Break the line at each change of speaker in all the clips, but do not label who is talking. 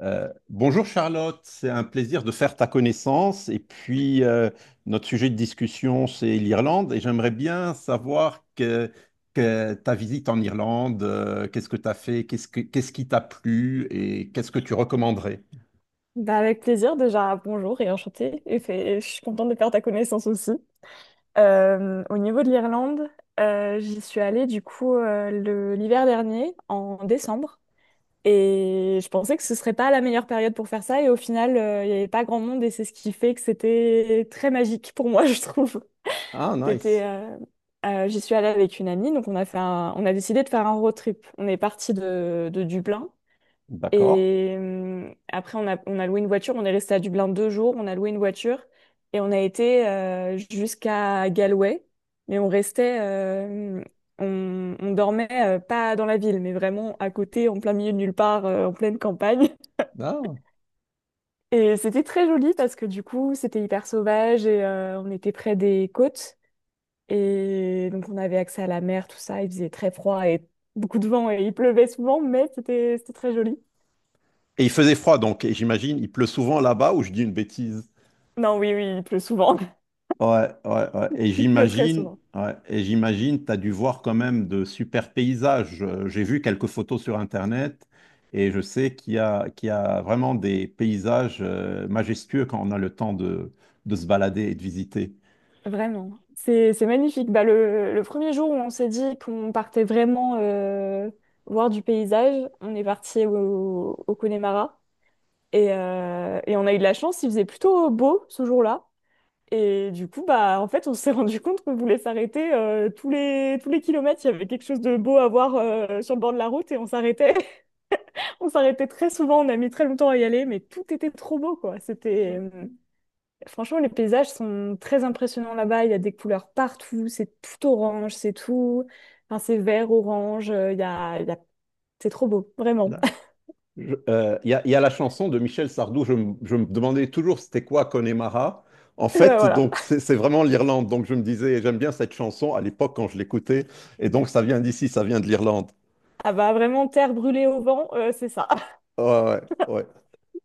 Bonjour Charlotte, c'est un plaisir de faire ta connaissance. Et puis, notre sujet de discussion, c'est l'Irlande. Et j'aimerais bien savoir que ta visite en Irlande, qu'est-ce que tu as fait, qu'est-ce qui t'a plu et qu'est-ce que tu recommanderais?
Bah, avec plaisir, déjà bonjour et enchantée. Et je suis contente de faire ta connaissance aussi. Au niveau de l'Irlande, j'y suis allée du coup l'hiver dernier, en décembre. Et je pensais que ce serait pas la meilleure période pour faire ça. Et au final, il n'y avait pas grand monde et c'est ce qui fait que c'était très magique pour moi, je trouve.
Ah,
C'était,
nice.
euh, j'y suis allée avec une amie, donc on a fait on a décidé de faire un road trip. On est parti de Dublin.
D'accord.
Et après, on a loué une voiture. On est resté à Dublin 2 jours. On a loué une voiture et on a été jusqu'à Galway. Mais on restait, on dormait pas dans la ville, mais vraiment à côté, en plein milieu de nulle part, en pleine campagne.
Ah.
Et c'était très joli parce que du coup, c'était hyper sauvage et on était près des côtes. Et donc, on avait accès à la mer, tout ça. Il faisait très froid et beaucoup de vent et il pleuvait souvent, mais c'était très joli.
Et il faisait froid, donc, et j'imagine, il pleut souvent là-bas ou je dis une bêtise?
Non, oui, oui, il pleut souvent.
Ouais, ouais, ouais. Et
Pleut très
j'imagine,
souvent.
ouais, et j'imagine, tu as dû voir quand même de super paysages. J'ai vu quelques photos sur Internet et je sais qu'il y a vraiment des paysages majestueux quand on a le temps de se balader et de visiter.
Vraiment, c'est magnifique. Bah, le premier jour où on s'est dit qu'on partait vraiment voir du paysage, on est parti au Connemara et on a eu de la chance, il faisait plutôt beau ce jour-là. Et du coup, bah, en fait, on s'est rendu compte qu'on voulait s'arrêter tous les kilomètres. Il y avait quelque chose de beau à voir sur le bord de la route et on s'arrêtait. On s'arrêtait très souvent. On a mis très longtemps à y aller, mais tout était trop beau, quoi. Franchement, les paysages sont très impressionnants là-bas. Il y a des couleurs partout. C'est tout orange, c'est tout. Enfin, c'est vert, orange. C'est trop beau, vraiment.
Là, il y a la chanson de Michel Sardou, je me demandais toujours c'était quoi Connemara. En
Et ben
fait,
voilà.
donc c'est vraiment l'Irlande. Donc je me disais, j'aime bien cette chanson à l'époque quand je l'écoutais. Et donc ça vient d'ici, ça vient de l'Irlande.
Ah bah vraiment, terre brûlée au vent, c'est ça.
Ouais, ouais, ouais.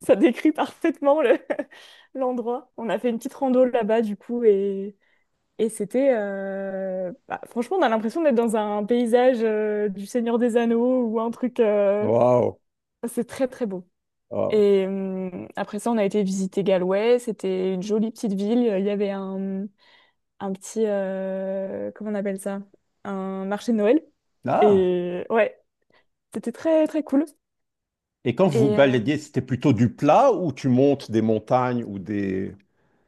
Ça décrit parfaitement l'endroit. On a fait une petite rando là-bas, du coup, et bah, franchement, on a l'impression d'être dans un paysage du Seigneur des Anneaux ou un truc.
Waouh.
C'est très, très beau.
Ah.
Et après ça, on a été visiter Galway. C'était une jolie petite ville. Il y avait un petit, comment on appelle ça? Un marché de Noël.
Ah.
Et ouais, c'était très très cool.
Et quand vous
Et euh,
baladiez, c'était plutôt du plat ou tu montes des montagnes ou des...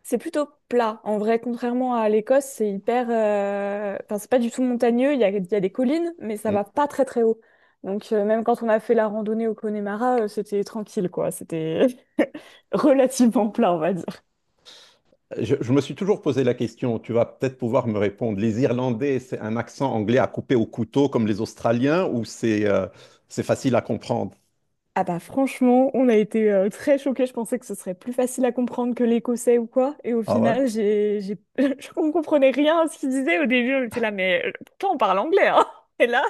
c'est plutôt plat. En vrai, contrairement à l'Écosse, c'est hyper. Enfin, c'est pas du tout montagneux. Il y a des collines, mais ça
Hmm.
va pas très très haut. Donc même quand on a fait la randonnée au Connemara, c'était tranquille quoi. C'était relativement plat, on va dire.
Je me suis toujours posé la question, tu vas peut-être pouvoir me répondre. Les Irlandais, c'est un accent anglais à couper au couteau comme les Australiens ou c'est facile à comprendre?
Ah bah franchement, on a été très choqués. Je pensais que ce serait plus facile à comprendre que l'écossais ou quoi. Et au
Ah ouais?
final, on comprenait rien à ce qu'il disait au début. On était là, mais pourtant on parle anglais, hein. Et là,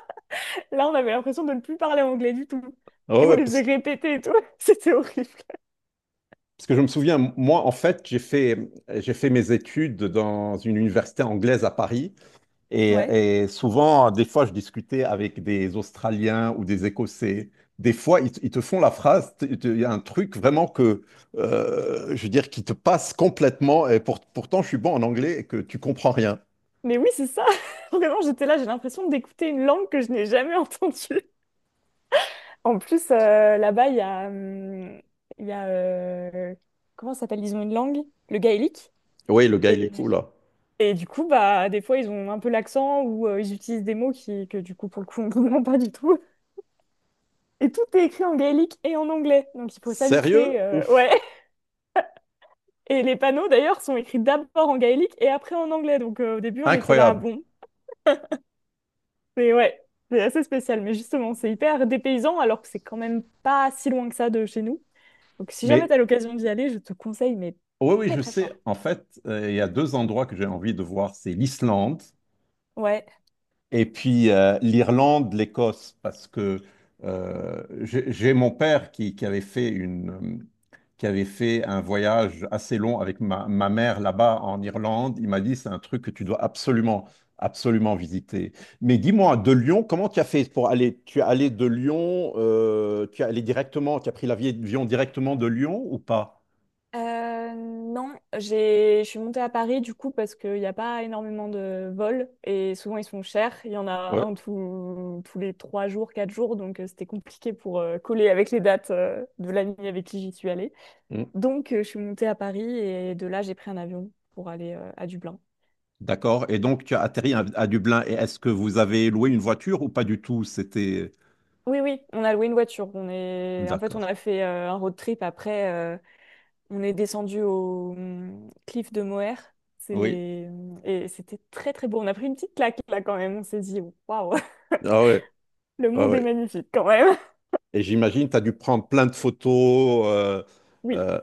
là, on avait l'impression de ne plus parler anglais du tout.
Ah
Et on
ouais,
les faisait
parce,
répéter et tout. C'était horrible.
parce que je me souviens, moi, en fait, j'ai fait mes études dans une université anglaise à Paris. Et,
Ouais.
et souvent, des fois, je discutais avec des Australiens ou des Écossais. Des fois, ils te font la phrase, il y a un truc vraiment que, je veux dire, qui te passe complètement. Et pourtant, je suis bon en anglais et que tu comprends rien.
Mais oui, c'est ça. Vraiment, j'étais là, j'ai l'impression d'écouter une langue que je n'ai jamais entendue. En plus, là-bas, il y a comment ça s'appelle? Ils ont une langue, le gaélique.
Oui, le gars, il est cool, là.
Et du coup, bah, des fois, ils ont un peu l'accent ou ils utilisent des mots que du coup, pour le coup, on ne comprend pas du tout. Et tout est écrit en gaélique et en anglais. Donc, il faut
Sérieux?
s'habituer. euh,
Ouf,
ouais. Et les panneaux, d'ailleurs, sont écrits d'abord en gaélique et après en anglais. Donc, au début, on était là,
incroyable.
bon. Mais ouais, c'est assez spécial. Mais justement, c'est hyper dépaysant alors que c'est quand même pas si loin que ça de chez nous. Donc, si jamais
Mais
t'as l'occasion d'y aller, je te conseille, mais
oui, oui,
très,
je
très
sais.
fort.
En fait, il y a deux endroits que j'ai envie de voir. C'est l'Islande.
Ouais.
Et puis l'Irlande, l'Écosse, parce que j'ai mon père qui avait fait qui avait fait un voyage assez long avec ma mère là-bas en Irlande. Il m'a dit, c'est un truc que tu dois absolument, absolument visiter. Mais dis-moi, de Lyon, comment tu as fait pour aller? Tu es allé de Lyon, tu as pris l'avion directement de Lyon ou pas?
Non, je suis montée à Paris du coup parce qu'il n'y a pas énormément de vols et souvent ils sont chers. Il y en a
Ouais.
un tous les 3 jours, 4 jours, donc c'était compliqué pour coller avec les dates de l'ami avec qui j'y suis allée.
Mm.
Donc je suis montée à Paris et de là j'ai pris un avion pour aller à Dublin.
D'accord. Et donc, tu as atterri à Dublin. Et est-ce que vous avez loué une voiture ou pas du tout? C'était...
Oui, oui, on a loué une voiture. En fait, on
D'accord.
a fait un road trip après. On est descendu au cliff de Moher.
Oui,
Et c'était très très beau. On a pris une petite claque là quand même. On s'est dit, waouh,
ah ouais,
le
ah
monde est
ouais.
magnifique quand même.
Et j'imagine, tu as dû prendre plein de photos.
Oui,
Euh,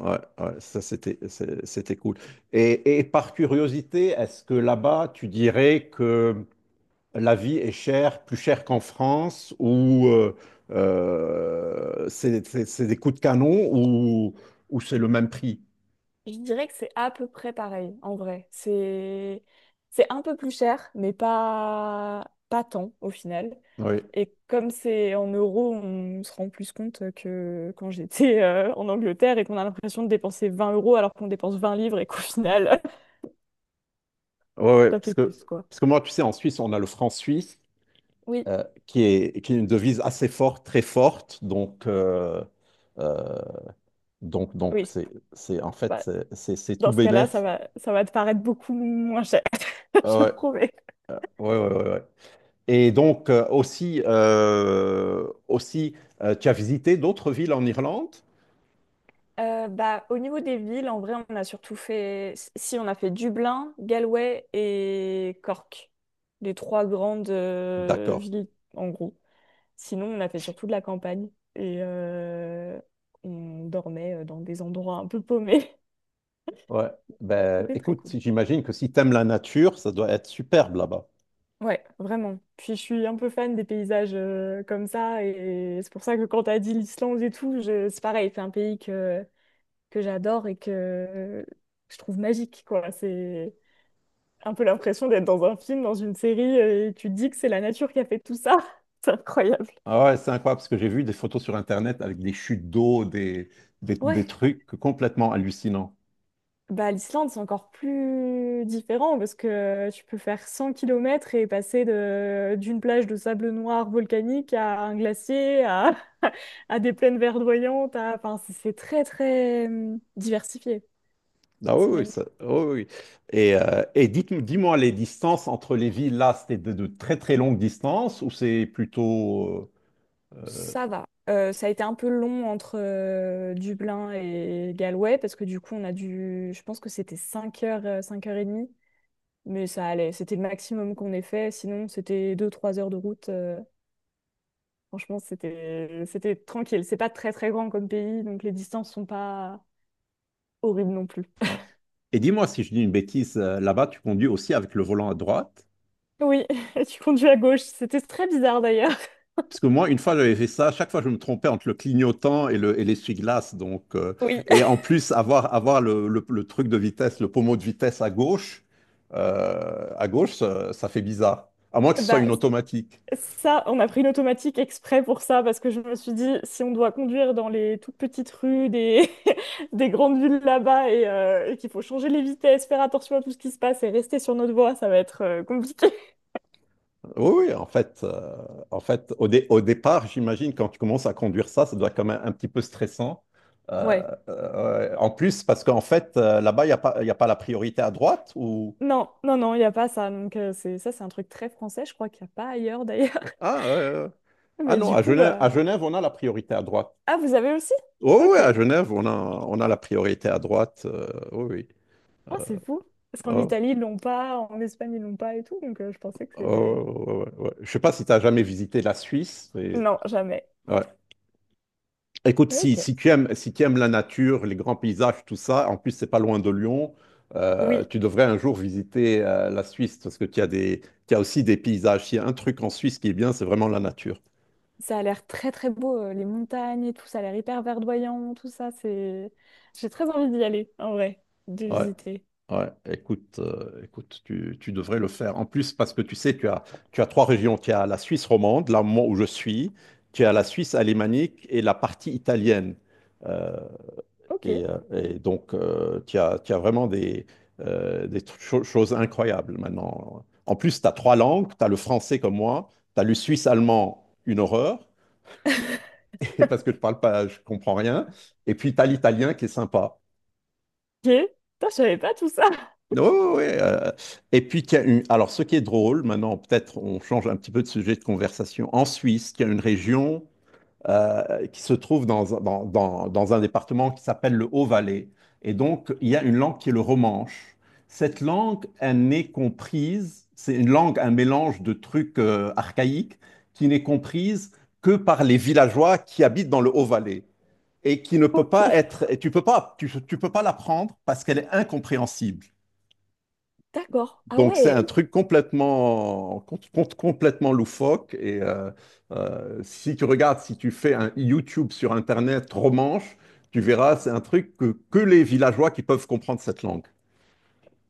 ouais, ouais, ça c'était cool. Et par curiosité, est-ce que là-bas, tu dirais que la vie est chère, plus chère qu'en France, ou c'est des coups de canon, ou c'est le même prix?
je dirais que c'est à peu près pareil en vrai. C'est un peu plus cher, mais pas tant au final.
Oui,
Et comme c'est en euros, on se rend plus compte que quand j'étais en Angleterre et qu'on a l'impression de dépenser 20 € alors qu'on dépense 20 livres et qu'au final,
ouais, ouais,
ça
parce
fait
que,
plus quoi.
parce que moi, tu sais, en Suisse, on a le franc suisse.
Oui,
Qui est une devise assez forte, très forte. Donc, euh,
oui.
c'est, en fait,
Bah,
c'est tout
dans ce cas-là, ça
bénef.
va, ça va te paraître beaucoup moins cher,
Ah,
je
ouais,
promets.
ouais, ouais, ouais, ouais. Et donc, aussi, tu as visité d'autres villes en Irlande?
Bah, au niveau des villes, en vrai, on a surtout fait... Si, si, on a fait Dublin, Galway et Cork. Les trois grandes
D'accord.
villes, en gros. Sinon, on a fait surtout de la campagne. Et euh, on dormait dans des endroits un peu paumés.
Ouais. Ben,
C'était très
écoute,
cool.
j'imagine que si tu aimes la nature, ça doit être superbe là-bas.
Ouais, vraiment. Puis je suis un peu fan des paysages comme ça. Et c'est pour ça que quand t'as dit l'Islande et tout, c'est pareil. C'est un pays que j'adore et que je trouve magique, quoi. C'est un peu l'impression d'être dans un film, dans une série, et tu te dis que c'est la nature qui a fait tout ça. C'est incroyable.
Ah ouais, c'est incroyable parce que j'ai vu des photos sur Internet avec des chutes d'eau, des
Ouais,
trucs complètement hallucinants.
bah l'Islande, c'est encore plus différent parce que tu peux faire 100 km et passer de d'une plage de sable noir volcanique à un glacier, à des plaines verdoyantes. Enfin, c'est très, très diversifié.
Ah oui,
C'est
oui,
magnifique.
oui, oui, oui. Et dis-moi, les distances entre les villes, là, c'était de très très longues distances ou c'est plutôt... euh,
Ça va. Ça a été un peu long entre Dublin et Galway parce que du coup, on a dû. Je pense que c'était 5 heures, 5 heures et demie, mais ça allait. C'était le maximum qu'on ait fait. Sinon, c'était deux trois heures de route. Franchement, c'était tranquille. C'est pas très très grand comme pays, donc les distances sont pas horribles non plus.
ouais. Et dis-moi si je dis une bêtise, là-bas, tu conduis aussi avec le volant à droite?
Oui, tu conduis à gauche. C'était très bizarre d'ailleurs.
Parce que moi, une fois, j'avais fait ça. Chaque fois, je me trompais entre le clignotant et le, et l'essuie-glace. Donc,
Oui.
et en plus, avoir le truc de vitesse, le pommeau de vitesse à gauche, ça fait bizarre. À moins que ce soit
Bah,
une automatique.
ça, on a pris une automatique exprès pour ça, parce que je me suis dit, si on doit conduire dans les toutes petites rues des grandes villes là-bas et qu'il faut changer les vitesses, faire attention à tout ce qui se passe et rester sur notre voie, ça va être compliqué.
Oui, oui, en fait, au départ, j'imagine, quand tu commences à conduire ça, ça doit être quand même un petit peu stressant. Euh,
Ouais.
ouais, en plus, parce qu'en fait, là-bas, il y a pas la priorité à droite ou...
Non, non, non, il n'y a pas ça. Donc, ça, c'est un truc très français. Je crois qu'il n'y a pas ailleurs d'ailleurs.
Ah, euh, ah
Mais
non,
du coup,
À
bah.
Genève, on a la priorité à droite.
Ah, vous avez aussi?
Oh, ouais,
Ok.
à Genève, on a la priorité à droite. Oui, oui.
Ah, c'est fou. Parce qu'en
Oh,
Italie, ils l'ont pas, en Espagne, ils l'ont pas et tout. Donc, je pensais que c'était.
oh, ouais, ouais, ouais, ouais. Je sais pas si tu as jamais visité la Suisse.
Non, jamais.
Ouais. Écoute,
Mais ok.
si tu aimes la nature, les grands paysages, tout ça, en plus, c'est pas loin de Lyon,
Oui,
tu devrais un jour visiter la Suisse parce que tu as aussi des paysages. Il y a un truc en Suisse qui est bien, c'est vraiment la nature.
ça a l'air très très beau, les montagnes et tout, ça a l'air hyper verdoyant, tout ça. J'ai très envie d'y aller, en vrai, de
Ouais.
visiter.
Ouais, écoute, tu devrais le faire. En plus, parce que tu sais, tu as trois régions. Tu as la Suisse romande, là moi, où je suis, tu as la Suisse alémanique et la partie italienne. Euh,
Ok. Ok.
et donc, tu as vraiment des choses incroyables maintenant. En plus, tu as trois langues. Tu as le français comme moi, tu as le suisse-allemand, une horreur, parce que je parle pas, je comprends rien. Et puis, tu as l'italien qui est sympa.
Putain, je savais pas tout ça.
Oui, oui, et puis, qu'il y a une- alors ce qui est drôle, maintenant peut-être on change un petit peu de sujet de conversation, en Suisse, il y a une région qui se trouve dans un département qui s'appelle le Haut-Valais. Et donc, il y a une langue qui est le romanche. Cette langue, elle n'est comprise, c'est une langue, un mélange de trucs archaïques, qui n'est comprise que par les villageois qui habitent dans le Haut-Valais et qui ne peut
Ok.
pas être, et tu peux pas, tu peux pas l'apprendre parce qu'elle est incompréhensible.
D'accord. Ah
Donc c'est
ouais.
un truc complètement, complètement loufoque. Et si tu fais un YouTube sur Internet romanche, tu verras, c'est un truc que les villageois qui peuvent comprendre cette langue.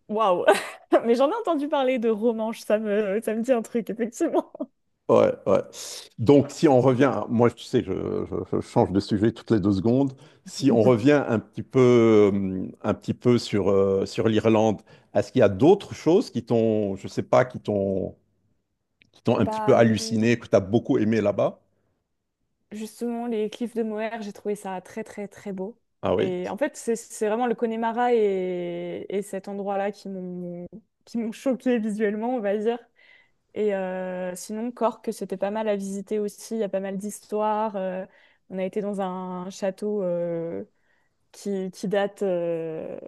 Waouh. Mais j'en ai entendu parler de Romanche, ça me dit un truc, effectivement.
Ouais, ouais. Donc si on revient, moi tu sais, je change de sujet toutes les deux secondes. Si on revient un petit peu sur, sur l'Irlande, est-ce qu'il y a d'autres choses qui t'ont, je sais pas, qui t'ont un petit
Bah,
peu halluciné, que tu as beaucoup aimé là-bas?
justement, les cliffs de Moher, j'ai trouvé ça très très très beau.
Ah oui.
Et en fait, c'est vraiment le Connemara et cet endroit-là qui m'ont choqué visuellement, on va dire. Sinon, Cork, c'était pas mal à visiter aussi. Il y a pas mal d'histoires. On a été dans un château qui date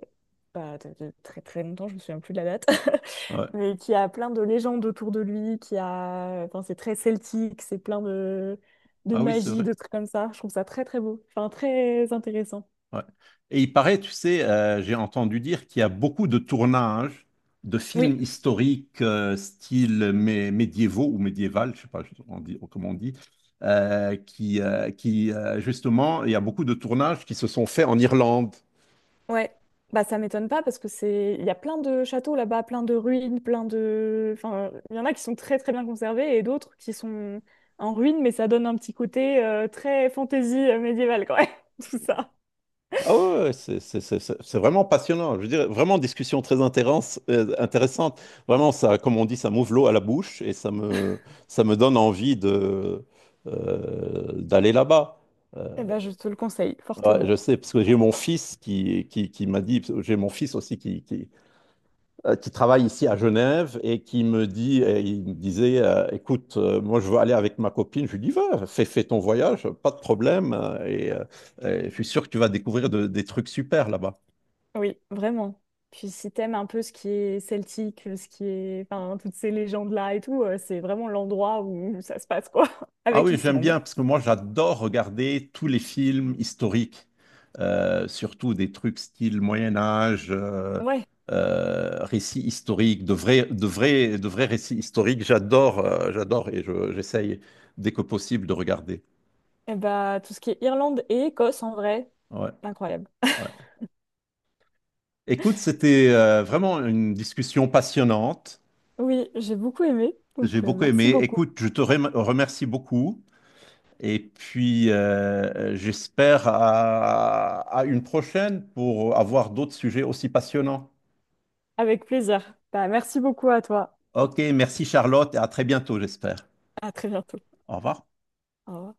bah, de très très longtemps, je me souviens plus de la date, mais qui a plein de légendes autour de lui. Enfin, c'est très celtique, c'est plein de
Ah oui, c'est
magie,
vrai.
de trucs comme ça. Je trouve ça très très beau, enfin très intéressant.
Ouais. Et il paraît, tu sais, j'ai entendu dire qu'il y a beaucoup de tournages de films
Oui.
historiques, style médiévaux ou médiéval, je sais pas comment on dit, qui justement, il y a beaucoup de tournages qui se sont faits en Irlande.
Ouais, bah ça m'étonne pas parce que c'est il y a plein de châteaux là-bas, plein de ruines, plein de enfin il y en a qui sont très très bien conservés et d'autres qui sont en ruine mais ça donne un petit côté très fantaisie médiévale quand même, tout ça.
Ah ouais, ouais, c'est vraiment passionnant. Je veux dire, vraiment discussion très intéressante. Vraiment, ça, comme on dit, ça m'ouvre l'eau à la bouche et ça me donne envie d'aller là-bas.
Eh ben je te le conseille
Ouais,
fortement.
je sais, parce que j'ai mon fils qui m'a dit, j'ai mon fils aussi qui travaille ici à Genève et qui me dit, et il me disait, écoute, moi je veux aller avec ma copine. Je lui dis, va, fais ton voyage, pas de problème, et je suis sûr que tu vas découvrir des trucs super là-bas.
Oui, vraiment. Puis si t'aimes un peu ce qui est celtique, ce qui est enfin toutes ces légendes là et tout, c'est vraiment l'endroit où ça se passe quoi
Ah
avec
oui, j'aime
l'Islande.
bien parce que moi j'adore regarder tous les films historiques, surtout des trucs style Moyen Âge,
Ouais.
récits historiques, de vrais récits historiques. J'adore et j'essaye dès que possible de regarder.
Eh ben tout ce qui est Irlande et Écosse en vrai,
Ouais,
incroyable.
ouais. Écoute, c'était vraiment une discussion passionnante.
Oui, j'ai beaucoup aimé,
J'ai
donc
beaucoup
merci
aimé.
beaucoup.
Écoute, je te remercie beaucoup. Et puis, j'espère à une prochaine pour avoir d'autres sujets aussi passionnants.
Avec plaisir. Bah, merci beaucoup à toi.
Ok, merci Charlotte et à très bientôt, j'espère.
À très bientôt.
Au revoir.
Au revoir.